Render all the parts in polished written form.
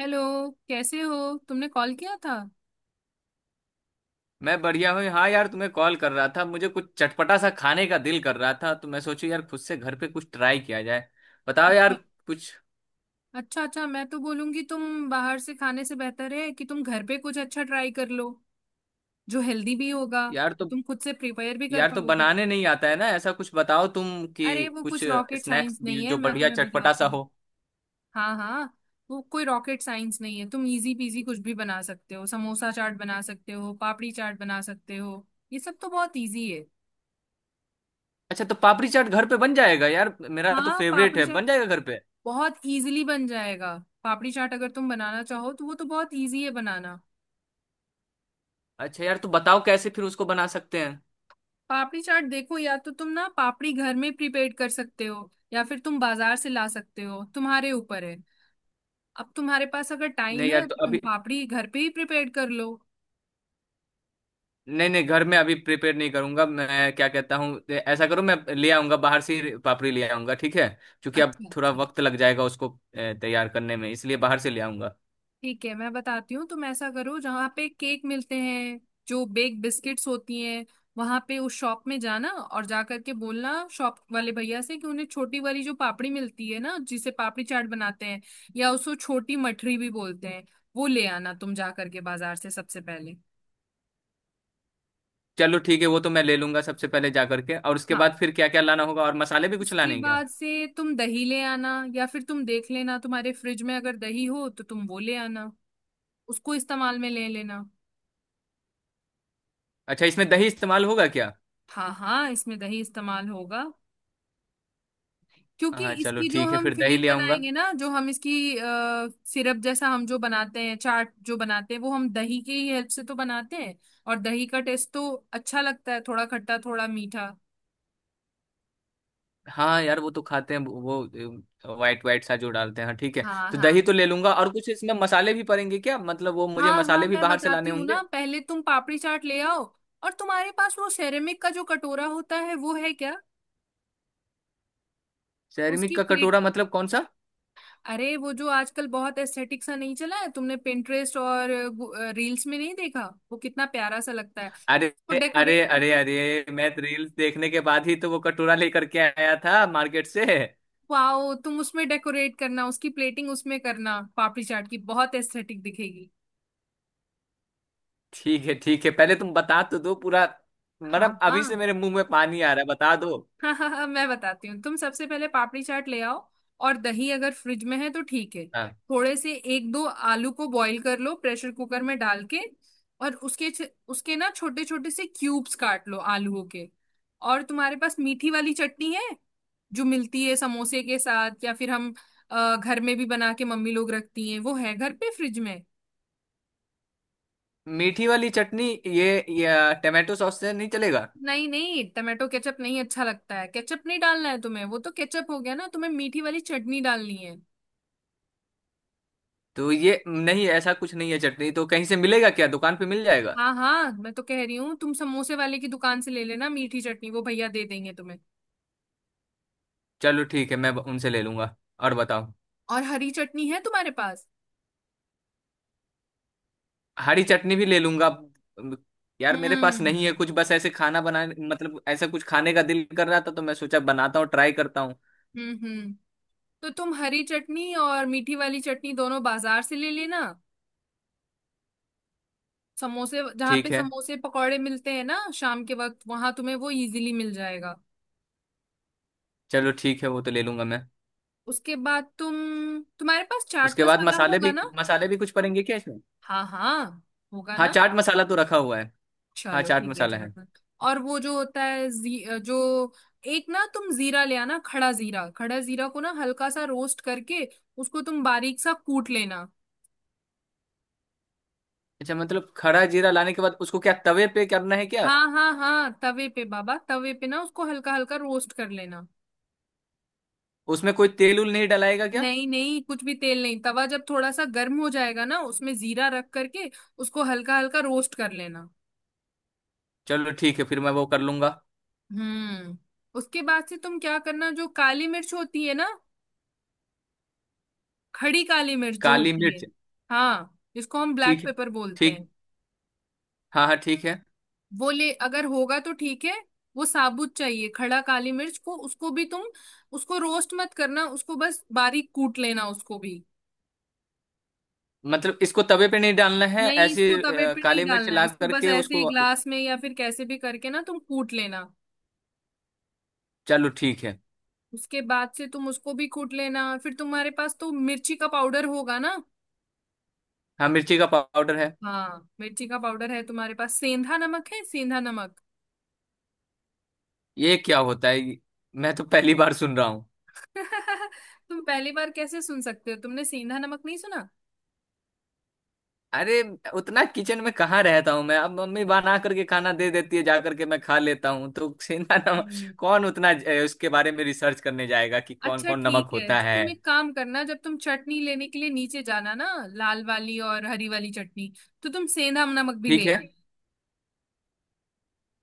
Hello. कैसे हो? तुमने कॉल किया था? मैं बढ़िया हूँ। हाँ यार, तुम्हें कॉल कर रहा था। मुझे कुछ चटपटा सा खाने का दिल कर रहा था, तो मैं सोचू यार खुद से घर पे कुछ ट्राई किया जाए। बताओ यार, अच्छा, कुछ। अच्छा। अच्छा, मैं तो बोलूंगी तुम बाहर से खाने से बेहतर है कि तुम घर पे कुछ अच्छा ट्राई कर लो, जो हेल्दी भी होगा, यार तो तुम खुद से प्रिपेयर भी कर यार तो पाओगे। बनाने नहीं आता है ना। ऐसा कुछ बताओ तुम कि अरे वो कुछ कुछ रॉकेट स्नैक्स साइंस भी नहीं है, जो मैं बढ़िया तुम्हें चटपटा बताती सा हूँ। हो। हाँ, हाँ। वो कोई रॉकेट साइंस नहीं है, तुम इजी पीजी कुछ भी बना सकते हो। समोसा चाट बना सकते हो, पापड़ी चाट बना सकते हो। ये सब तो बहुत इजी है। अच्छा, तो पापड़ी चाट घर पे बन जाएगा यार, मेरा तो हाँ, फेवरेट पापड़ी है, चाट बन जाएगा घर पे। बहुत इजीली बन जाएगा। पापड़ी चाट अगर तुम बनाना चाहो तो वो तो बहुत इजी है बनाना। अच्छा यार, तो बताओ कैसे फिर उसको बना सकते हैं। पापड़ी चाट देखो, या तो तुम ना पापड़ी घर में प्रिपेयर कर सकते हो या फिर तुम बाजार से ला सकते हो, तुम्हारे ऊपर है। अब तुम्हारे पास अगर टाइम नहीं यार, है तो तो तुम अभी पापड़ी घर पे ही प्रिपेयर कर लो। नहीं, नहीं, घर में अभी प्रिपेयर नहीं करूंगा। मैं क्या कहता हूँ, ऐसा करो, मैं ले आऊंगा बाहर से ही, पापड़ी ले आऊंगा, ठीक है। क्योंकि अब अच्छा, थोड़ा अच्छा, वक्त लग जाएगा उसको तैयार करने में, इसलिए बाहर से ले आऊंगा। ठीक है, मैं बताती हूँ। तुम ऐसा करो, जहाँ पे केक मिलते हैं, जो बेक बिस्किट्स होती हैं, वहां पे उस शॉप में जाना और जा करके बोलना शॉप वाले भैया से कि उन्हें छोटी वाली जो पापड़ी मिलती है ना जिसे पापड़ी चाट बनाते हैं, या उसको छोटी मठरी भी बोलते हैं, वो ले आना, तुम जा करके बाजार से सबसे पहले। चलो ठीक है, वो तो मैं ले लूंगा सबसे पहले जा करके। और उसके हाँ। बाद फिर क्या क्या लाना होगा? और मसाले भी कुछ उसके लाने हैं क्या? बाद से तुम दही ले आना, या फिर तुम देख लेना तुम्हारे फ्रिज में अगर दही हो तो तुम वो ले आना, उसको इस्तेमाल में ले लेना। अच्छा, इसमें दही इस्तेमाल होगा क्या? हाँ, हाँ, इसमें दही इस्तेमाल होगा। क्योंकि हाँ चलो इसकी जो ठीक है, हम फिर दही फिलिंग ले आऊंगा। बनाएंगे ना, जो हम इसकी सिरप जैसा हम जो बनाते हैं, चाट जो बनाते हैं, वो हम दही के ही हेल्प से तो बनाते हैं। और दही का टेस्ट तो अच्छा लगता है, थोड़ा खट्टा थोड़ा मीठा। हाँ यार, वो तो खाते हैं वो वाइट वाइट सा जो डालते हैं। हाँ ठीक है, हाँ, तो हाँ, दही तो ले लूंगा। और कुछ इसमें मसाले भी पड़ेंगे क्या? मतलब वो मुझे हाँ, हाँ, मसाले भी मैं बाहर से बताती लाने हूँ होंगे। ना। पहले तुम पापड़ी चाट ले आओ। और तुम्हारे पास वो सेरेमिक का जो कटोरा होता है, वो है क्या? सेरेमिक उसकी का कटोरा प्लेट। मतलब कौन सा? अरे वो जो आजकल बहुत एस्थेटिक सा नहीं चला है, तुमने पिंटरेस्ट और रील्स में नहीं देखा? वो कितना प्यारा सा लगता है अरे उसको अरे डेकोरेट अरे करके। अरे, मैं रील्स देखने के बाद ही तो वो कटोरा लेकर के आया था मार्केट से। वाओ, तुम उसमें डेकोरेट करना, उसकी प्लेटिंग उसमें करना, पापड़ी चाट की बहुत एस्थेटिक दिखेगी। ठीक है ठीक है, पहले तुम बता तो दो पूरा। हाँ, मतलब हाँ। अभी से मेरे मुंह में पानी आ रहा है, बता दो। हाँ, हाँ, हाँ, मैं बताती हूँ। तुम सबसे पहले पापड़ी चाट ले आओ। और दही अगर फ्रिज में है तो ठीक है। हाँ, थोड़े से 1-2 आलू को बॉईल कर लो प्रेशर कुकर में डाल के। और उसके उसके ना छोटे छोटे से क्यूब्स काट लो आलूओं के। और तुम्हारे पास मीठी वाली चटनी है, जो मिलती है समोसे के साथ, या फिर हम घर में भी बना के मम्मी लोग रखती हैं, वो है घर पे फ्रिज में? मीठी वाली चटनी ये टमाटो सॉस से नहीं चलेगा? नहीं, नहीं, टमाटो केचप नहीं अच्छा लगता है, केचप नहीं डालना है तुम्हें, वो तो केचप हो गया ना, तुम्हें मीठी वाली चटनी डालनी है। तो ये नहीं, ऐसा कुछ नहीं है? चटनी तो कहीं से मिलेगा क्या, दुकान पे मिल जाएगा? हाँ, हाँ, मैं तो कह रही हूँ तुम समोसे वाले की दुकान से ले लेना मीठी चटनी, वो भैया दे देंगे तुम्हें। चलो ठीक है, मैं उनसे ले लूंगा। और बताओ। और हरी चटनी है तुम्हारे पास? हरी चटनी भी ले लूंगा। अम, यार मेरे पास नहीं है हम्म कुछ, बस ऐसे खाना बनाने मतलब ऐसा कुछ खाने का दिल कर रहा था, तो मैं सोचा बनाता हूँ, ट्राई करता हूँ। हम्म हम्म तो तुम हरी चटनी और मीठी वाली चटनी दोनों बाजार से ले लेना। समोसे, जहाँ पे ठीक है। समोसे पकौड़े मिलते हैं ना शाम के वक्त, वहां तुम्हें वो इजीली मिल जाएगा। चलो ठीक है, वो तो ले लूंगा मैं। उसके बाद तुम, तुम्हारे पास चाट उसके बाद मसाला मसाले होगा भी ना? मसाले भी कुछ पड़ेंगे क्या इसमें? हाँ, हाँ, होगा हाँ, ना। चाट मसाला तो रखा हुआ है। हाँ, चलो चाट ठीक है, मसाला है। चाट मत और वो जो होता है जो, एक ना तुम जीरा ले आना, खड़ा जीरा, खड़ा जीरा को ना हल्का सा रोस्ट करके उसको तुम बारीक सा कूट लेना। अच्छा, मतलब खड़ा जीरा लाने के बाद उसको क्या तवे पे करना है क्या? हाँ, हाँ, हाँ, तवे पे बाबा, तवे पे ना उसको हल्का हल्का रोस्ट कर लेना। उसमें कोई तेल उल नहीं डलाएगा क्या? नहीं, नहीं, कुछ भी तेल नहीं, तवा जब थोड़ा सा गर्म हो जाएगा ना उसमें जीरा रख करके उसको हल्का हल्का रोस्ट कर लेना। चलो ठीक है, फिर मैं वो कर लूंगा। हम्म उसके बाद से तुम क्या करना, जो काली मिर्च होती है ना, खड़ी काली मिर्च जो काली होती है, मिर्च। हाँ, जिसको हम ब्लैक ठीक है। पेपर बोलते हैं, ठीक। हाँ हाँ, ठीक है। वो ले अगर होगा तो ठीक है। वो साबुत चाहिए, खड़ा काली मिर्च को, उसको भी तुम, उसको रोस्ट मत करना, उसको बस बारीक कूट लेना उसको भी। मतलब इसको तवे पे नहीं डालना है, नहीं, ऐसी इसको तवे पे नहीं काली मिर्च डालना है, ला इसको बस करके ऐसे ही उसको। ग्लास में या फिर कैसे भी करके ना तुम कूट लेना। चलो ठीक है। उसके बाद से तुम उसको भी कूट लेना। फिर तुम्हारे पास तो मिर्ची का पाउडर होगा ना? हाँ, मिर्ची का पाउडर है। हाँ, मिर्ची का पाउडर है तुम्हारे पास, सेंधा नमक है? सेंधा नमक। ये क्या होता है मैं तो पहली बार सुन रहा हूँ। तुम पहली बार कैसे सुन सकते हो, तुमने सेंधा नमक नहीं सुना? अरे, उतना किचन में कहाँ रहता हूँ मैं। अब मम्मी बना करके खाना दे देती है, जा करके मैं खा लेता हूँ, तो सेंधा नमक। हम्म कौन उतना उसके बारे में रिसर्च करने जाएगा कि कौन अच्छा कौन ठीक नमक है, होता तो है। तुम एक काम करना, जब तुम चटनी लेने के लिए नीचे जाना ना, लाल वाली और हरी वाली चटनी, तो तुम सेंधा नमक भी ठीक ले है, आना।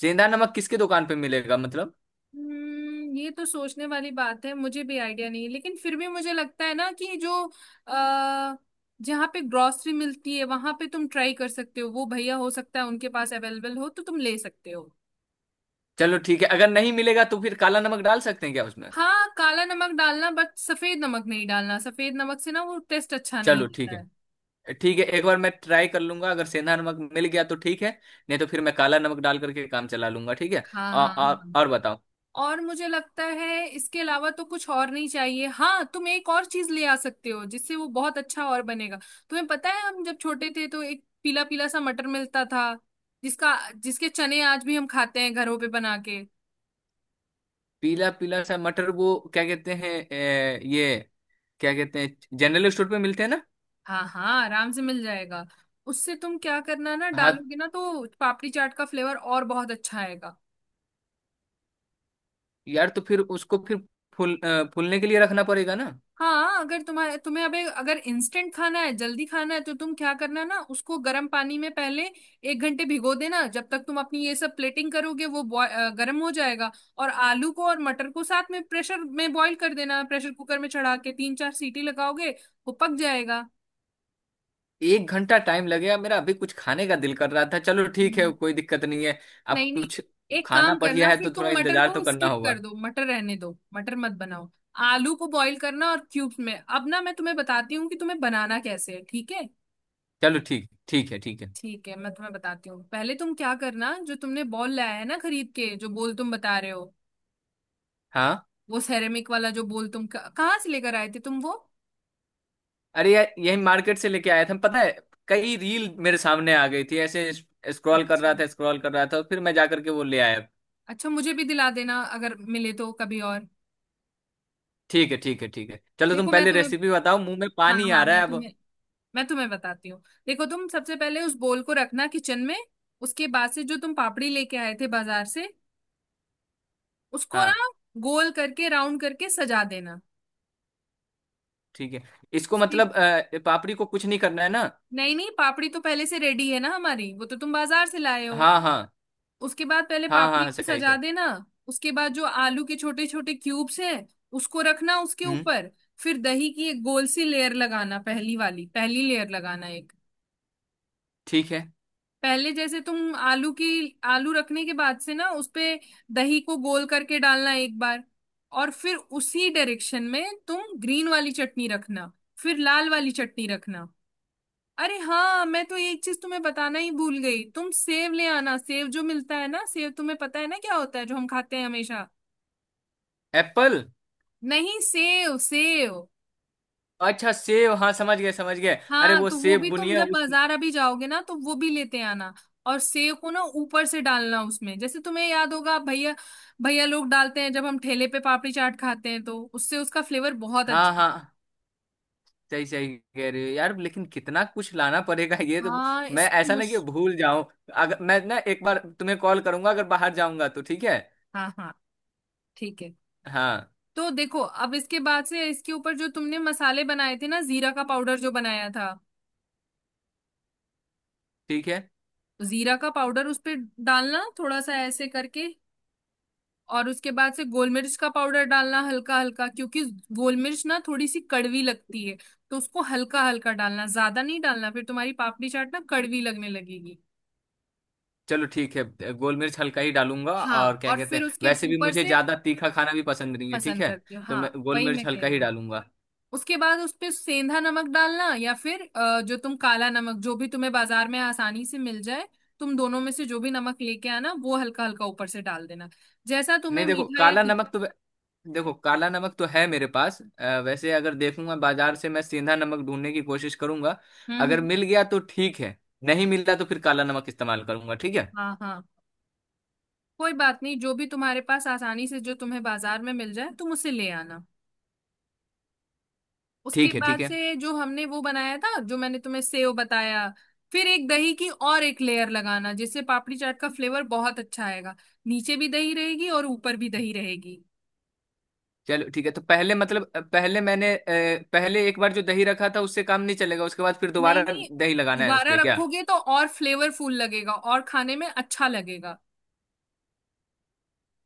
सेंधा नमक किसके दुकान पे मिलेगा मतलब? ये तो सोचने वाली बात है, मुझे भी आइडिया नहीं है, लेकिन फिर भी मुझे लगता है ना कि जो अः जहाँ पे ग्रोसरी मिलती है वहां पे तुम ट्राई कर सकते हो, वो भैया हो सकता है उनके पास अवेलेबल हो, तो तुम ले सकते हो। चलो ठीक है, अगर नहीं मिलेगा तो फिर काला नमक डाल सकते हैं क्या उसमें? हाँ, काला नमक डालना बट सफेद नमक नहीं डालना, सफेद नमक से ना वो टेस्ट अच्छा नहीं चलो ठीक रहता है। है। ठीक है, एक बार मैं ट्राई कर लूंगा, अगर सेंधा नमक मिल गया तो ठीक है। नहीं तो फिर मैं काला नमक डाल करके काम चला लूंगा, ठीक है। हाँ, आ, हाँ, आ, हाँ। और बताओ। और मुझे लगता है इसके अलावा तो कुछ और नहीं चाहिए। हाँ, तुम एक और चीज ले आ सकते हो जिससे वो बहुत अच्छा और बनेगा। तुम्हें पता है, हम जब छोटे थे तो एक पीला पीला सा मटर मिलता था, जिसका, जिसके चने आज भी हम खाते हैं घरों पे बना के। पीला पीला सा मटर वो क्या कहते हैं, ये क्या कहते हैं, जनरल स्टोर पे मिलते हैं ना? हाँ, हाँ, आराम से मिल जाएगा। उससे तुम क्या करना ना, हाँ डालोगे ना तो पापड़ी चाट का फ्लेवर और बहुत अच्छा आएगा। यार, तो फिर उसको फिर फूलने के लिए रखना पड़ेगा ना? हाँ, अगर तुम्हारे तुम्हें अबे अगर इंस्टेंट खाना है, जल्दी खाना है, तो तुम क्या करना ना, उसको गर्म पानी में पहले 1 घंटे भिगो देना, जब तक तुम अपनी ये सब प्लेटिंग करोगे वो गर्म हो जाएगा। और आलू को और मटर को साथ में प्रेशर में बॉईल कर देना, प्रेशर कुकर में चढ़ा के 3-4 सीटी लगाओगे वो पक जाएगा। एक घंटा टाइम लगेगा? मेरा अभी कुछ खाने का दिल कर रहा था। चलो ठीक है, हम्म कोई दिक्कत नहीं है। अब नहीं, नहीं, कुछ एक खाना काम बढ़िया करना है फिर, तो थोड़ा तुम मटर इंतजार को तो करना स्किप कर होगा। दो, मटर रहने दो, मटर मत बनाओ। आलू को बॉईल करना और क्यूब्स में। अब ना मैं तुम्हें बताती हूँ कि तुम्हें बनाना कैसे है, ठीक है? चलो ठीक, ठीक है, ठीक है। ठीक है मैं तुम्हें बताती हूँ, पहले तुम क्या करना, जो तुमने बॉल लाया है ना खरीद के, जो बॉल तुम बता रहे हो, हाँ। वो सेरेमिक वाला जो बॉल, तुम कहाँ से लेकर आए थे तुम वो? अरे यार, यही मार्केट से लेके आया था, पता है। कई रील मेरे सामने आ गई थी ऐसे। स्क्रॉल कर अच्छा, रहा था, स्क्रॉल कर रहा था, और फिर मैं जा करके वो ले आया। अच्छा, मुझे भी दिला देना अगर मिले तो कभी। और ठीक है ठीक है ठीक है। चलो, तुम देखो मैं पहले तुम्हें, रेसिपी बताओ, मुंह में हाँ, पानी आ हाँ, रहा है मैं अब। तुम्हें मैं तुम्हें बताती हूँ। देखो तुम सबसे पहले उस बॉल को रखना किचन में। उसके बाद से जो तुम पापड़ी लेके आए थे बाजार से, उसको हाँ ना गोल करके, राउंड करके सजा देना। ठीक है। इसको उसकी, मतलब पापड़ी को कुछ नहीं करना है ना? नहीं, नहीं, पापड़ी तो पहले से रेडी है ना हमारी, वो तो तुम बाजार से लाए हो। हाँ हाँ उसके बाद पहले हाँ हाँ पापड़ी हाँ, को सही सजा सही। देना। उसके बाद जो आलू के छोटे छोटे क्यूब्स हैं, उसको रखना उसके हम्म, ऊपर। फिर दही की एक गोल सी लेयर लगाना, पहली वाली, पहली लेयर लगाना एक। ठीक है। पहले जैसे तुम आलू की, आलू रखने के बाद से ना उसपे दही को गोल करके डालना एक बार। और फिर उसी डायरेक्शन में तुम ग्रीन वाली चटनी रखना। फिर लाल वाली चटनी रखना। अरे हाँ, मैं तो एक चीज तुम्हें बताना ही भूल गई, तुम सेव ले आना, सेव जो मिलता है ना, सेव, तुम्हें पता है ना क्या होता है, जो हम खाते हैं हमेशा। एप्पल। नहीं, सेव, सेव। अच्छा, सेब, हाँ समझ गए समझ गए। अरे हाँ, वो तो वो सेब भी तुम बुनिया जब उस। बाजार अभी जाओगे ना, तो वो भी लेते आना। और सेव को ना ऊपर से डालना उसमें, जैसे तुम्हें याद होगा भैया, भैया लोग डालते हैं जब हम ठेले पे पापड़ी चाट खाते हैं, तो उससे उसका फ्लेवर बहुत हाँ अच्छा। हाँ, सही सही कह रहे हो यार, लेकिन कितना कुछ लाना पड़ेगा ये तो। हाँ, मैं इसमें ऐसा ना मुश, कि भूल जाऊं। अगर मैं ना एक बार तुम्हें कॉल करूंगा अगर बाहर जाऊंगा तो ठीक है। हाँ, हाँ, ठीक है। हाँ। तो देखो अब इसके बाद से, इसके ऊपर जो तुमने मसाले बनाए थे ना, जीरा का पाउडर जो बनाया था, ठीक है। जीरा का पाउडर उस पे डालना थोड़ा सा ऐसे करके। और उसके बाद से गोल मिर्च का पाउडर डालना हल्का हल्का, क्योंकि गोल मिर्च ना थोड़ी सी कड़वी लगती है, तो उसको हल्का हल्का डालना, ज्यादा नहीं डालना, फिर तुम्हारी पापड़ी चाट ना कड़वी लगने लगेगी। चलो ठीक है, गोल मिर्च हल्का ही डालूंगा। हाँ, और क्या और कहते फिर हैं, उसके वैसे भी ऊपर मुझे से, ज्यादा तीखा खाना भी पसंद नहीं है, ठीक पसंद है। करती हो तो हाँ, मैं गोल वही मिर्च मैं हल्का कह ही रही हूँ। डालूंगा। उसके बाद उस पे सेंधा नमक डालना, या फिर जो तुम काला नमक, जो भी तुम्हें बाजार में आसानी से मिल जाए, तुम दोनों में से जो भी नमक लेके आना वो हल्का हल्का ऊपर से डाल देना, जैसा नहीं, तुम्हें मीठा या तीखा। देखो काला नमक तो है मेरे पास, वैसे अगर देखूंगा बाजार से, मैं सीधा नमक ढूंढने की कोशिश करूंगा। हम्म, अगर मिल गया तो ठीक है। नहीं मिला तो फिर काला नमक इस्तेमाल करूंगा, ठीक है। हाँ, हाँ, कोई बात नहीं, जो भी तुम्हारे पास आसानी से, जो तुम्हें बाजार में मिल जाए तुम उसे ले आना। उसके ठीक है बाद ठीक है से जो हमने वो बनाया था, जो मैंने तुम्हें सेव बताया, फिर एक दही की और एक लेयर लगाना, जिससे पापड़ी चाट का फ्लेवर बहुत अच्छा आएगा। नीचे भी दही रहेगी और ऊपर भी दही रहेगी। चलो ठीक है। तो पहले मतलब अ, पहले मैंने अ, पहले एक बार जो दही रखा था उससे काम नहीं चलेगा? उसके बाद फिर नहीं, दोबारा नहीं, दही लगाना है उस दोबारा पे क्या? रखोगे तो और फ्लेवरफुल लगेगा और खाने में अच्छा लगेगा।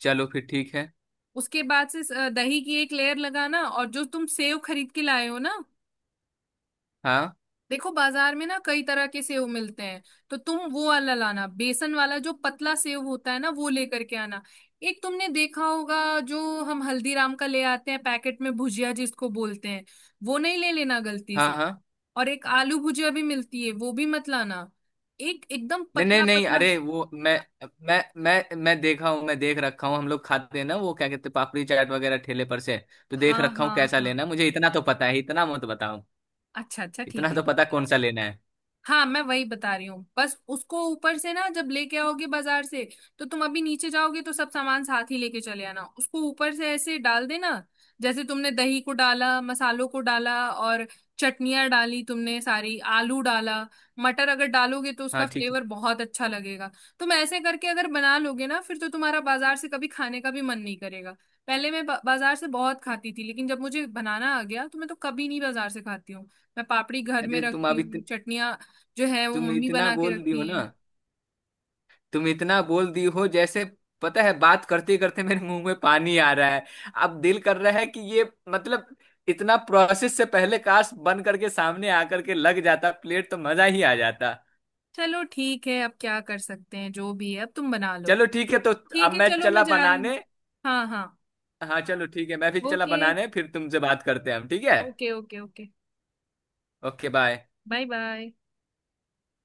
चलो फिर ठीक है। उसके बाद से दही की एक लेयर लगाना। और जो तुम सेव खरीद के लाए हो ना, हाँ देखो बाजार में ना कई तरह के सेव मिलते हैं, तो तुम वो वाला लाना, बेसन वाला जो पतला सेव होता है ना, वो लेकर के आना। एक तुमने देखा होगा, जो हम हल्दीराम का ले आते हैं पैकेट में, भुजिया जिसको बोलते हैं, वो नहीं ले लेना गलती हाँ से। हाँ। और एक आलू भुजिया भी मिलती है, वो भी मत लाना। एक एकदम नहीं नहीं पतला नहीं, पतला। अरे वो मैं देखा हूँ, मैं देख रखा हूँ। हम लोग खाते हैं ना वो क्या कहते हैं, पापड़ी चाट वगैरह ठेले पर से। तो देख हाँ, रखा हूँ हाँ, कैसा हाँ। लेना है, मुझे इतना तो पता है, इतना मत बताओ। अच्छा, अच्छा, ठीक इतना है, तो ठीक पता है। कौन सा लेना है। हाँ, मैं वही बता रही हूँ, बस उसको ऊपर से ना जब लेके आओगे बाजार से, तो तुम अभी नीचे जाओगे तो सब सामान साथ ही लेके चले आना, उसको ऊपर से ऐसे डाल देना। जैसे तुमने दही को डाला, मसालों को डाला, और चटनियाँ डाली तुमने सारी, आलू डाला, मटर अगर डालोगे तो हाँ उसका ठीक है। फ्लेवर बहुत अच्छा लगेगा। तुम ऐसे करके अगर बना लोगे ना, फिर तो तुम्हारा बाजार से कभी खाने का भी मन नहीं करेगा। पहले मैं बाजार से बहुत खाती थी, लेकिन जब मुझे बनाना आ गया तो मैं तो कभी नहीं बाजार से खाती हूँ। मैं पापड़ी घर में अरे तुम रखती अभी, हूँ, चटनियाँ जो है वो तुम मम्मी इतना बना के बोल दी हो रखती ना, हैं। तुम इतना बोल दी हो जैसे। पता है, बात करते करते मेरे मुंह में पानी आ रहा है। अब दिल कर रहा है कि ये, मतलब इतना प्रोसेस से पहले काश बन करके सामने आकर के लग जाता प्लेट, तो मजा ही आ जाता। चलो ठीक है, अब क्या कर सकते हैं, जो भी है अब तुम बना लो। चलो ठीक है, तो अब ठीक है, मैं चलो मैं चला जा रही हूँ। बनाने। हाँ, हाँ। हाँ चलो ठीक है, मैं भी चला ओके, बनाने। फिर तुमसे बात करते हैं हम, ठीक है। Okay, okay. Okay, okay, bye. Bye. Bye,